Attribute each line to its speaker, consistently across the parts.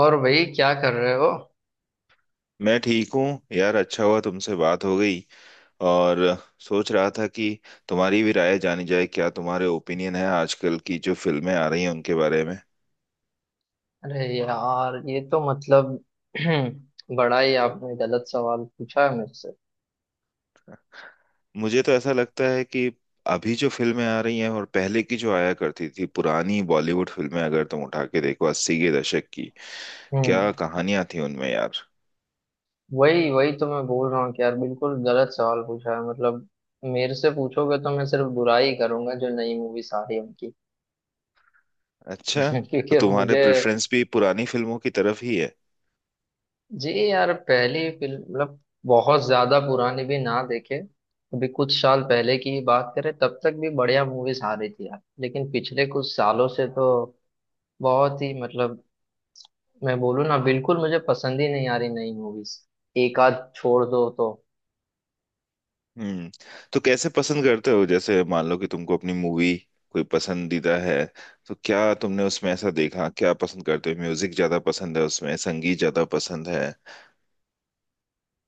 Speaker 1: और भाई क्या कर रहे हो?
Speaker 2: मैं ठीक हूँ। यार अच्छा हुआ तुमसे बात हो गई। और सोच रहा था कि तुम्हारी भी राय जानी जाए, क्या तुम्हारे ओपिनियन है आजकल की जो फिल्में आ रही हैं उनके बारे में।
Speaker 1: अरे यार, ये तो मतलब बड़ा ही आपने गलत सवाल पूछा है मुझसे।
Speaker 2: मुझे तो ऐसा लगता है कि अभी जो फिल्में आ रही हैं और पहले की जो आया करती थी पुरानी बॉलीवुड फिल्में, अगर तुम उठा के देखो 80 के दशक की,
Speaker 1: हम्म
Speaker 2: क्या कहानियां थी उनमें यार।
Speaker 1: वही वही तो मैं बोल रहा हूँ कि यार बिल्कुल गलत सवाल पूछा है मतलब मेरे से पूछोगे तो मैं सिर्फ बुराई करूंगा जो नई मूवीज आ रही है उनकी।
Speaker 2: अच्छा, तो
Speaker 1: क्योंकि अब
Speaker 2: तुम्हारे
Speaker 1: मुझे।
Speaker 2: प्रेफरेंस भी पुरानी फिल्मों की तरफ ही है।
Speaker 1: जी यार, पहली फिल्म मतलब बहुत ज्यादा पुरानी भी ना देखे। अभी कुछ साल पहले की ही बात करें तब तक भी बढ़िया मूवीज आ रही थी यार, लेकिन पिछले कुछ सालों से तो बहुत ही मतलब मैं बोलूँ ना बिल्कुल मुझे पसंद ही नहीं आ रही नई मूवीज, एक आध छोड़ दो तो।
Speaker 2: हम्म। तो कैसे पसंद करते हो, जैसे मान लो कि तुमको अपनी मूवी कोई पसंदीदा है, तो क्या तुमने उसमें ऐसा देखा, क्या पसंद करते हो, म्यूजिक ज्यादा पसंद है उसमें, संगीत ज्यादा पसंद है।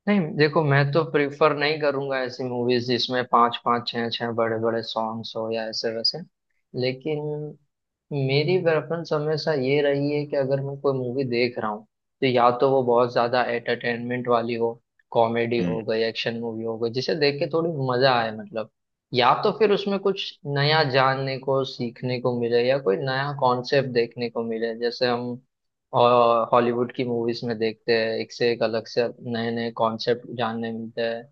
Speaker 1: नहीं, देखो, मैं तो प्रिफर नहीं करूंगा ऐसी मूवीज जिसमें पांच पांच छह छह बड़े बड़े सॉन्ग्स हो या ऐसे वैसे, लेकिन मेरी प्रेफरेंस हमेशा ये रही है कि अगर मैं कोई मूवी देख रहा हूँ तो या तो वो बहुत ज्यादा एंटरटेनमेंट वाली हो, कॉमेडी हो
Speaker 2: हम्म।
Speaker 1: गई, एक्शन मूवी हो गई, जिसे देख के थोड़ी मजा आए मतलब, या तो फिर उसमें कुछ नया जानने को सीखने को मिले या कोई नया कॉन्सेप्ट देखने को मिले, जैसे हम और हॉलीवुड की मूवीज में देखते हैं, एक से एक अलग से नए नए कॉन्सेप्ट जानने मिलते हैं।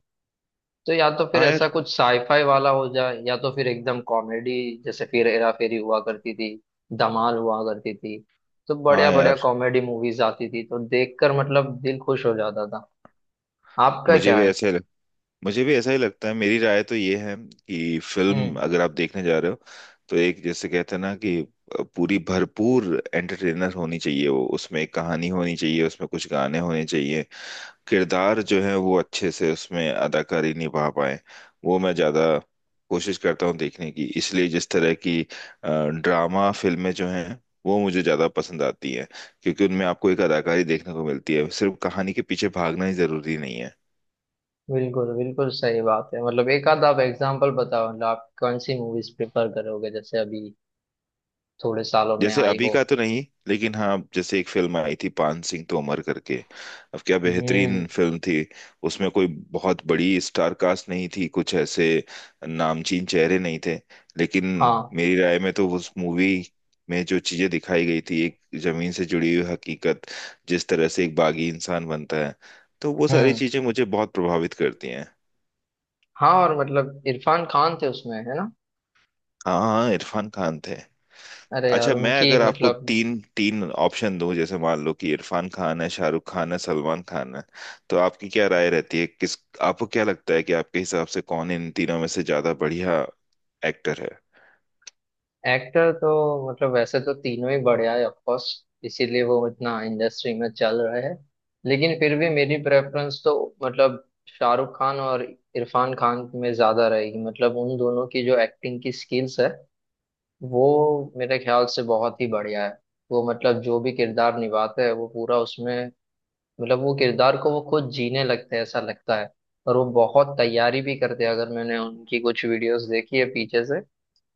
Speaker 1: तो या तो फिर
Speaker 2: हाँ
Speaker 1: ऐसा
Speaker 2: यार।
Speaker 1: कुछ साईफाई वाला हो जाए या तो फिर एकदम कॉमेडी, जैसे फिर हेरा फेरी हुआ करती थी, धमाल हुआ करती थी। तो
Speaker 2: हाँ
Speaker 1: बढ़िया बढ़िया
Speaker 2: यार।
Speaker 1: कॉमेडी मूवीज आती थी तो देखकर मतलब दिल खुश हो जाता था। आपका
Speaker 2: मुझे
Speaker 1: क्या
Speaker 2: भी
Speaker 1: है?
Speaker 2: ऐसे लग, मुझे भी ऐसा ही लगता है। मेरी राय तो ये है कि फिल्म
Speaker 1: हम्म।
Speaker 2: अगर आप देखने जा रहे हो, तो एक, जैसे कहते हैं ना कि, पूरी भरपूर एंटरटेनर होनी चाहिए वो, उसमें एक कहानी होनी चाहिए, उसमें कुछ गाने होने चाहिए, किरदार जो है वो अच्छे से उसमें अदाकारी निभा पाए। वो मैं ज्यादा कोशिश करता हूँ देखने की, इसलिए जिस तरह की अ, ड्रामा फिल्में जो हैं वो मुझे ज्यादा पसंद आती हैं, क्योंकि उनमें आपको एक अदाकारी देखने को मिलती है, सिर्फ कहानी के पीछे भागना ही जरूरी नहीं है।
Speaker 1: बिल्कुल बिल्कुल सही बात है मतलब एक आध आप एग्जांपल बताओ, मतलब आप कौन सी मूवीज प्रिफर करोगे जैसे अभी थोड़े सालों में
Speaker 2: जैसे
Speaker 1: आई
Speaker 2: अभी
Speaker 1: हो।
Speaker 2: का तो नहीं, लेकिन हाँ, जैसे एक फिल्म आई थी पान सिंह तोमर करके। अब क्या
Speaker 1: हम्म।
Speaker 2: बेहतरीन फिल्म थी। उसमें कोई बहुत बड़ी स्टार कास्ट नहीं थी, कुछ ऐसे नामचीन चेहरे नहीं थे, लेकिन
Speaker 1: हाँ।
Speaker 2: मेरी राय में तो उस मूवी में जो चीजें दिखाई गई थी, एक जमीन से जुड़ी हुई हकीकत, जिस तरह से एक बागी इंसान बनता है, तो वो सारी
Speaker 1: हम्म।
Speaker 2: चीजें मुझे बहुत प्रभावित करती हैं।
Speaker 1: हाँ, और मतलब इरफान खान थे उसमें, है ना?
Speaker 2: हाँ हाँ, इरफान खान थे।
Speaker 1: अरे यार,
Speaker 2: अच्छा, मैं
Speaker 1: उनकी
Speaker 2: अगर आपको
Speaker 1: मतलब
Speaker 2: तीन तीन ऑप्शन दूं, जैसे मान लो कि इरफान खान है, शाहरुख खान है, सलमान खान है, तो आपकी क्या राय रहती है, किस आपको क्या लगता है कि आपके हिसाब से कौन इन तीनों में से ज्यादा बढ़िया एक्टर है।
Speaker 1: एक्टर तो मतलब वैसे तो तीनों ही बढ़िया है, ऑफ कोर्स, इसीलिए वो इतना इंडस्ट्री में चल रहे हैं। लेकिन फिर भी मेरी प्रेफरेंस तो मतलब शाहरुख खान और इरफान खान में ज्यादा रहेगी, मतलब उन दोनों की जो एक्टिंग की स्किल्स है वो मेरे ख्याल से बहुत ही बढ़िया है। वो मतलब जो भी किरदार निभाते हैं वो पूरा उसमें मतलब वो किरदार को वो खुद जीने लगते हैं ऐसा लगता है। और वो बहुत तैयारी भी करते हैं, अगर मैंने उनकी कुछ वीडियोस देखी है पीछे से,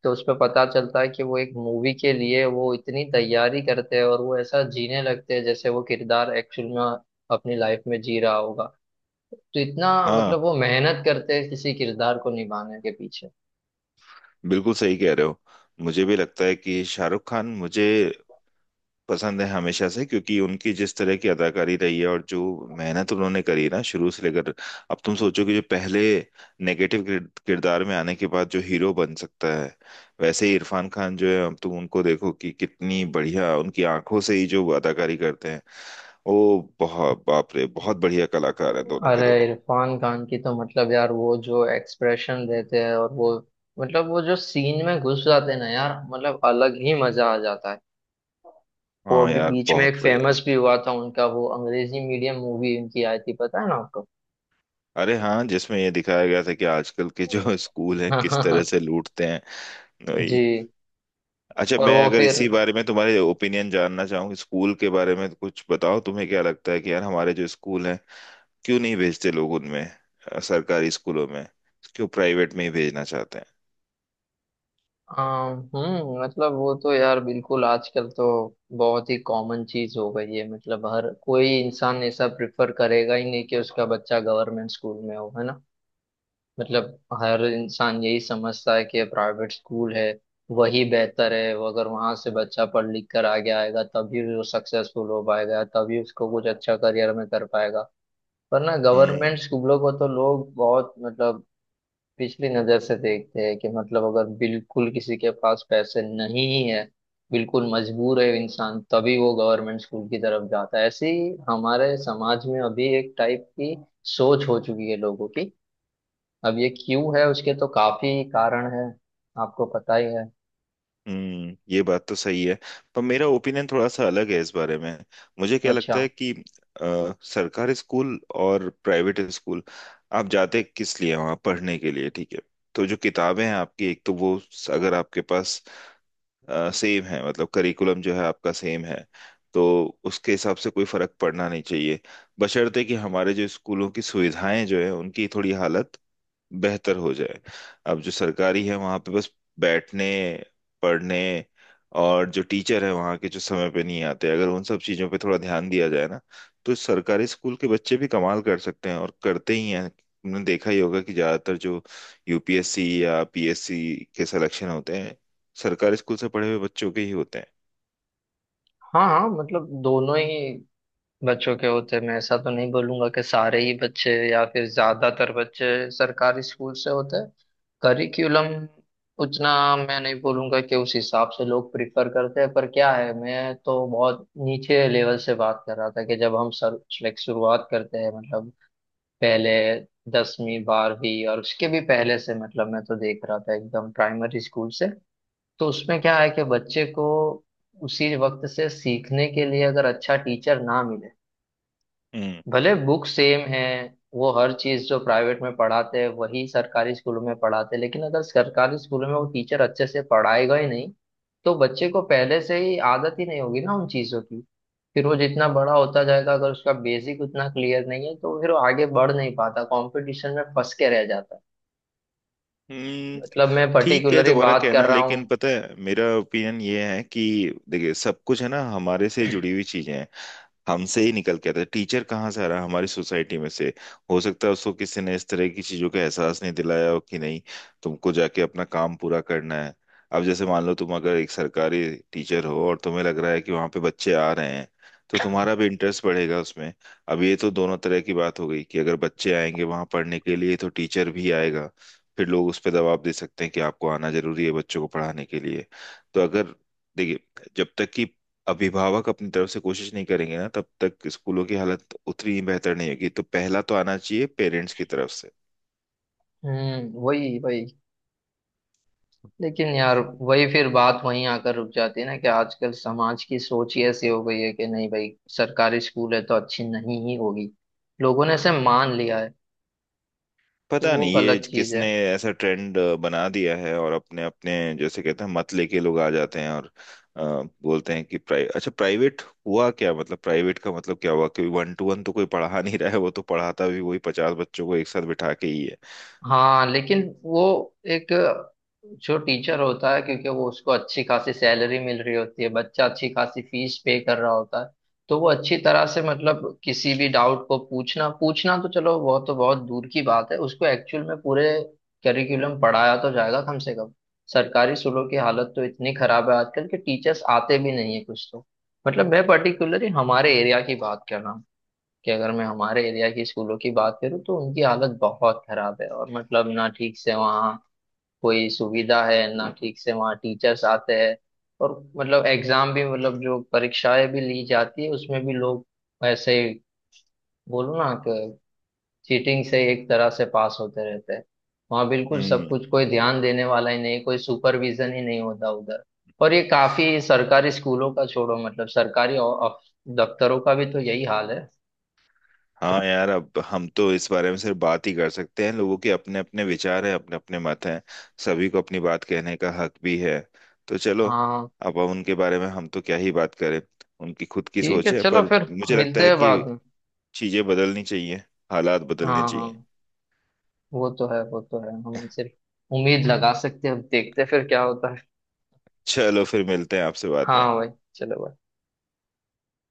Speaker 1: तो उसमें पता चलता है कि वो एक मूवी के लिए वो इतनी तैयारी करते हैं और वो ऐसा जीने लगते हैं जैसे वो किरदार एक्चुअल में अपनी लाइफ में जी रहा होगा। तो इतना
Speaker 2: हाँ,
Speaker 1: मतलब वो मेहनत करते हैं किसी किरदार को निभाने के पीछे।
Speaker 2: बिल्कुल सही कह रहे हो। मुझे भी लगता है कि शाहरुख खान मुझे पसंद है हमेशा से, क्योंकि उनकी जिस तरह की अदाकारी रही है और जो मेहनत उन्होंने करी ना शुरू से लेकर अब, तुम सोचो कि जो पहले नेगेटिव किरदार में आने के बाद जो हीरो बन सकता है। वैसे ही इरफान खान जो है, अब तुम उनको देखो कि कितनी बढ़िया उनकी आंखों से ही जो अदाकारी करते हैं वो। बहुत, बाप रे, बहुत बढ़िया कलाकार हैं दोनों के
Speaker 1: अरे,
Speaker 2: दोनों।
Speaker 1: इरफान खान की तो मतलब यार, वो जो एक्सप्रेशन देते हैं और वो मतलब वो जो सीन में घुस जाते हैं ना यार, मतलब अलग ही मजा आ जाता है। वो
Speaker 2: हाँ
Speaker 1: अभी
Speaker 2: यार,
Speaker 1: बीच में
Speaker 2: बहुत
Speaker 1: एक
Speaker 2: बढ़िया।
Speaker 1: फेमस भी हुआ था उनका, वो अंग्रेजी मीडियम मूवी उनकी आई थी, पता है ना आपको?
Speaker 2: अरे हाँ, जिसमें ये दिखाया गया था कि आजकल के जो स्कूल हैं किस तरह से लूटते हैं। वही।
Speaker 1: जी।
Speaker 2: अच्छा,
Speaker 1: और
Speaker 2: मैं
Speaker 1: वो
Speaker 2: अगर
Speaker 1: फिर
Speaker 2: इसी बारे में तुम्हारे ओपिनियन जानना चाहूँ, स्कूल के बारे में कुछ बताओ, तुम्हें क्या लगता है कि यार हमारे जो स्कूल हैं, क्यों नहीं भेजते लोग उनमें, सरकारी स्कूलों में, क्यों प्राइवेट में ही भेजना चाहते हैं?
Speaker 1: मतलब वो तो यार बिल्कुल आजकल तो बहुत ही कॉमन चीज हो गई है, मतलब हर कोई इंसान ऐसा प्रिफर करेगा ही नहीं कि उसका बच्चा गवर्नमेंट स्कूल में हो, है ना? मतलब हर इंसान यही समझता है कि प्राइवेट स्कूल है वही बेहतर है, वो अगर वहां से बच्चा पढ़ लिख कर आगे आएगा तभी वो सक्सेसफुल हो पाएगा, तभी उसको कुछ अच्छा करियर में कर पाएगा, वरना
Speaker 2: हम्म।
Speaker 1: गवर्नमेंट स्कूलों को तो लोग बहुत मतलब पिछली नजर से देखते हैं कि मतलब अगर बिल्कुल किसी के पास पैसे नहीं ही है, बिल्कुल मजबूर है इंसान तभी वो गवर्नमेंट स्कूल की तरफ जाता है। ऐसी हमारे समाज में अभी एक टाइप की सोच हो चुकी है लोगों की। अब ये क्यों है उसके तो काफी कारण है, आपको पता ही है।
Speaker 2: ये बात तो सही है, पर मेरा ओपिनियन थोड़ा सा अलग है इस बारे में। मुझे क्या
Speaker 1: अच्छा।
Speaker 2: लगता है कि सरकारी स्कूल और प्राइवेट स्कूल, आप जाते किस लिए हैं वहाँ, पढ़ने के लिए, ठीक है। तो जो किताबें हैं आपकी, एक तो वो अगर आपके पास सेम है, मतलब करिकुलम जो है आपका सेम है, तो उसके हिसाब से कोई फर्क पड़ना नहीं चाहिए, बशर्ते कि हमारे जो स्कूलों की सुविधाएं जो है उनकी थोड़ी हालत बेहतर हो जाए। अब जो सरकारी है वहां पे बस बैठने, पढ़ने, और जो टीचर है वहां के जो समय पे नहीं आते, अगर उन सब चीजों पे थोड़ा ध्यान दिया जाए ना, तो सरकारी स्कूल के बच्चे भी कमाल कर सकते हैं, और करते ही हैं। तुमने देखा ही होगा कि ज्यादातर जो यूपीएससी या पीएससी के सिलेक्शन होते हैं, सरकारी स्कूल से पढ़े हुए बच्चों के ही होते हैं।
Speaker 1: हाँ हाँ मतलब दोनों ही बच्चों के होते हैं, मैं ऐसा तो नहीं बोलूंगा कि सारे ही बच्चे या फिर ज्यादातर बच्चे सरकारी स्कूल से होते हैं। करिकुलम उतना मैं नहीं बोलूंगा कि उस हिसाब से लोग प्रिफर करते हैं, पर क्या है, मैं तो बहुत नीचे लेवल से बात कर रहा था कि जब हम सर लाइक शुरुआत करते हैं मतलब पहले 10वीं 12वीं और उसके भी पहले से, मतलब मैं तो देख रहा था एकदम प्राइमरी स्कूल से। तो उसमें क्या है कि बच्चे को उसी वक्त से सीखने के लिए अगर अच्छा टीचर ना मिले,
Speaker 2: हम्म।
Speaker 1: भले बुक सेम है, वो हर चीज जो प्राइवेट में पढ़ाते हैं वही सरकारी स्कूलों में पढ़ाते हैं, लेकिन अगर सरकारी स्कूलों में वो टीचर अच्छे से पढ़ाएगा ही नहीं तो बच्चे को पहले से ही आदत ही नहीं होगी ना उन चीजों की। फिर वो जितना बड़ा होता जाएगा, अगर उसका बेसिक उतना क्लियर नहीं है, तो फिर वो आगे बढ़ नहीं पाता, कंपटीशन में फंस के रह जाता है।
Speaker 2: हम्म,
Speaker 1: मतलब मैं
Speaker 2: ठीक है
Speaker 1: पर्टिकुलरली
Speaker 2: तुम्हारा
Speaker 1: बात कर
Speaker 2: कहना,
Speaker 1: रहा
Speaker 2: लेकिन
Speaker 1: हूँ।
Speaker 2: पता है मेरा ओपिनियन ये है कि, देखिए, सब कुछ है ना हमारे से जुड़ी हुई चीजें हैं, हमसे ही निकल के आता है टीचर, कहाँ से आ रहा है? हमारी सोसाइटी में से। हो सकता है उसको किसी ने इस तरह की चीजों का एहसास नहीं दिलाया हो कि नहीं, तुमको जाके अपना काम पूरा करना है। अब जैसे मान लो तुम अगर एक सरकारी टीचर हो और तुम्हें लग रहा है कि वहां पे बच्चे आ रहे हैं, तो तुम्हारा भी इंटरेस्ट बढ़ेगा उसमें। अब ये तो दोनों तरह की बात हो गई कि अगर बच्चे आएंगे वहां पढ़ने के लिए तो टीचर भी आएगा, फिर लोग उस पर दबाव दे सकते हैं कि आपको आना जरूरी है बच्चों को पढ़ाने के लिए। तो अगर, देखिए, जब तक कि अभिभावक अपनी तरफ से कोशिश नहीं करेंगे ना, तब तक स्कूलों की हालत उतनी ही बेहतर नहीं होगी, तो पहला तो आना चाहिए पेरेंट्स की तरफ से।
Speaker 1: हम्म, वही वही। लेकिन यार, वही फिर बात वहीं आकर रुक जाती है ना कि आजकल समाज की सोच ही ऐसी हो गई है कि नहीं भाई, सरकारी स्कूल है तो अच्छी नहीं ही होगी, लोगों ने इसे मान लिया है, तो
Speaker 2: पता
Speaker 1: वो
Speaker 2: नहीं ये
Speaker 1: गलत चीज है।
Speaker 2: किसने ऐसा ट्रेंड बना दिया है, और अपने अपने जैसे कहते हैं, मत लेके लोग आ जाते हैं, और बोलते हैं कि प्राइ अच्छा, प्राइवेट हुआ क्या, मतलब प्राइवेट का मतलब क्या हुआ कि वन टू वन तो कोई पढ़ा नहीं रहा है, वो तो पढ़ाता भी वही 50 बच्चों को एक साथ बिठा के ही है।
Speaker 1: हाँ, लेकिन वो एक जो टीचर होता है, क्योंकि वो उसको अच्छी खासी सैलरी मिल रही होती है, बच्चा अच्छी खासी फीस पे कर रहा होता है, तो वो अच्छी तरह से मतलब किसी भी डाउट को पूछना पूछना तो चलो वो तो बहुत दूर की बात है, उसको एक्चुअल में पूरे करिकुलम पढ़ाया तो जाएगा कम से कम। सरकारी स्कूलों की हालत तो इतनी खराब है आजकल कि टीचर्स आते भी नहीं है कुछ तो। मतलब मैं पर्टिकुलरली हमारे एरिया की बात कर रहा हूँ कि अगर मैं हमारे एरिया की स्कूलों की बात करूँ तो उनकी हालत बहुत खराब है, और मतलब ना ठीक से वहाँ कोई सुविधा है, ना ठीक से वहाँ टीचर्स आते हैं। और मतलब एग्जाम भी मतलब जो परीक्षाएं भी ली जाती है उसमें भी लोग ऐसे ही बोलो ना कि चीटिंग से एक तरह से पास होते रहते हैं, वहाँ बिल्कुल सब
Speaker 2: हम्म।
Speaker 1: कुछ कोई ध्यान देने वाला ही नहीं, कोई सुपरविजन ही नहीं होता उधर। और ये काफी सरकारी स्कूलों का छोड़ो, मतलब सरकारी दफ्तरों का भी तो यही हाल है।
Speaker 2: हाँ यार, अब हम तो इस बारे में सिर्फ बात ही कर सकते हैं, लोगों के अपने अपने विचार हैं, अपने अपने मत हैं, सभी को अपनी बात कहने का हक भी है। तो चलो,
Speaker 1: हाँ,
Speaker 2: अब हम उनके बारे में हम तो क्या ही बात करें, उनकी खुद की
Speaker 1: ठीक है,
Speaker 2: सोच है।
Speaker 1: चलो
Speaker 2: पर
Speaker 1: फिर
Speaker 2: मुझे लगता
Speaker 1: मिलते
Speaker 2: है
Speaker 1: हैं
Speaker 2: कि
Speaker 1: बाद में।
Speaker 2: चीजें बदलनी चाहिए, हालात बदलने
Speaker 1: हाँ
Speaker 2: चाहिए।
Speaker 1: हाँ, वो तो है, वो तो है, हम सिर्फ उम्मीद लगा सकते हैं, अब देखते हैं फिर क्या होता है।
Speaker 2: चलो फिर मिलते हैं आपसे बाद में।
Speaker 1: हाँ भाई, चलो भाई।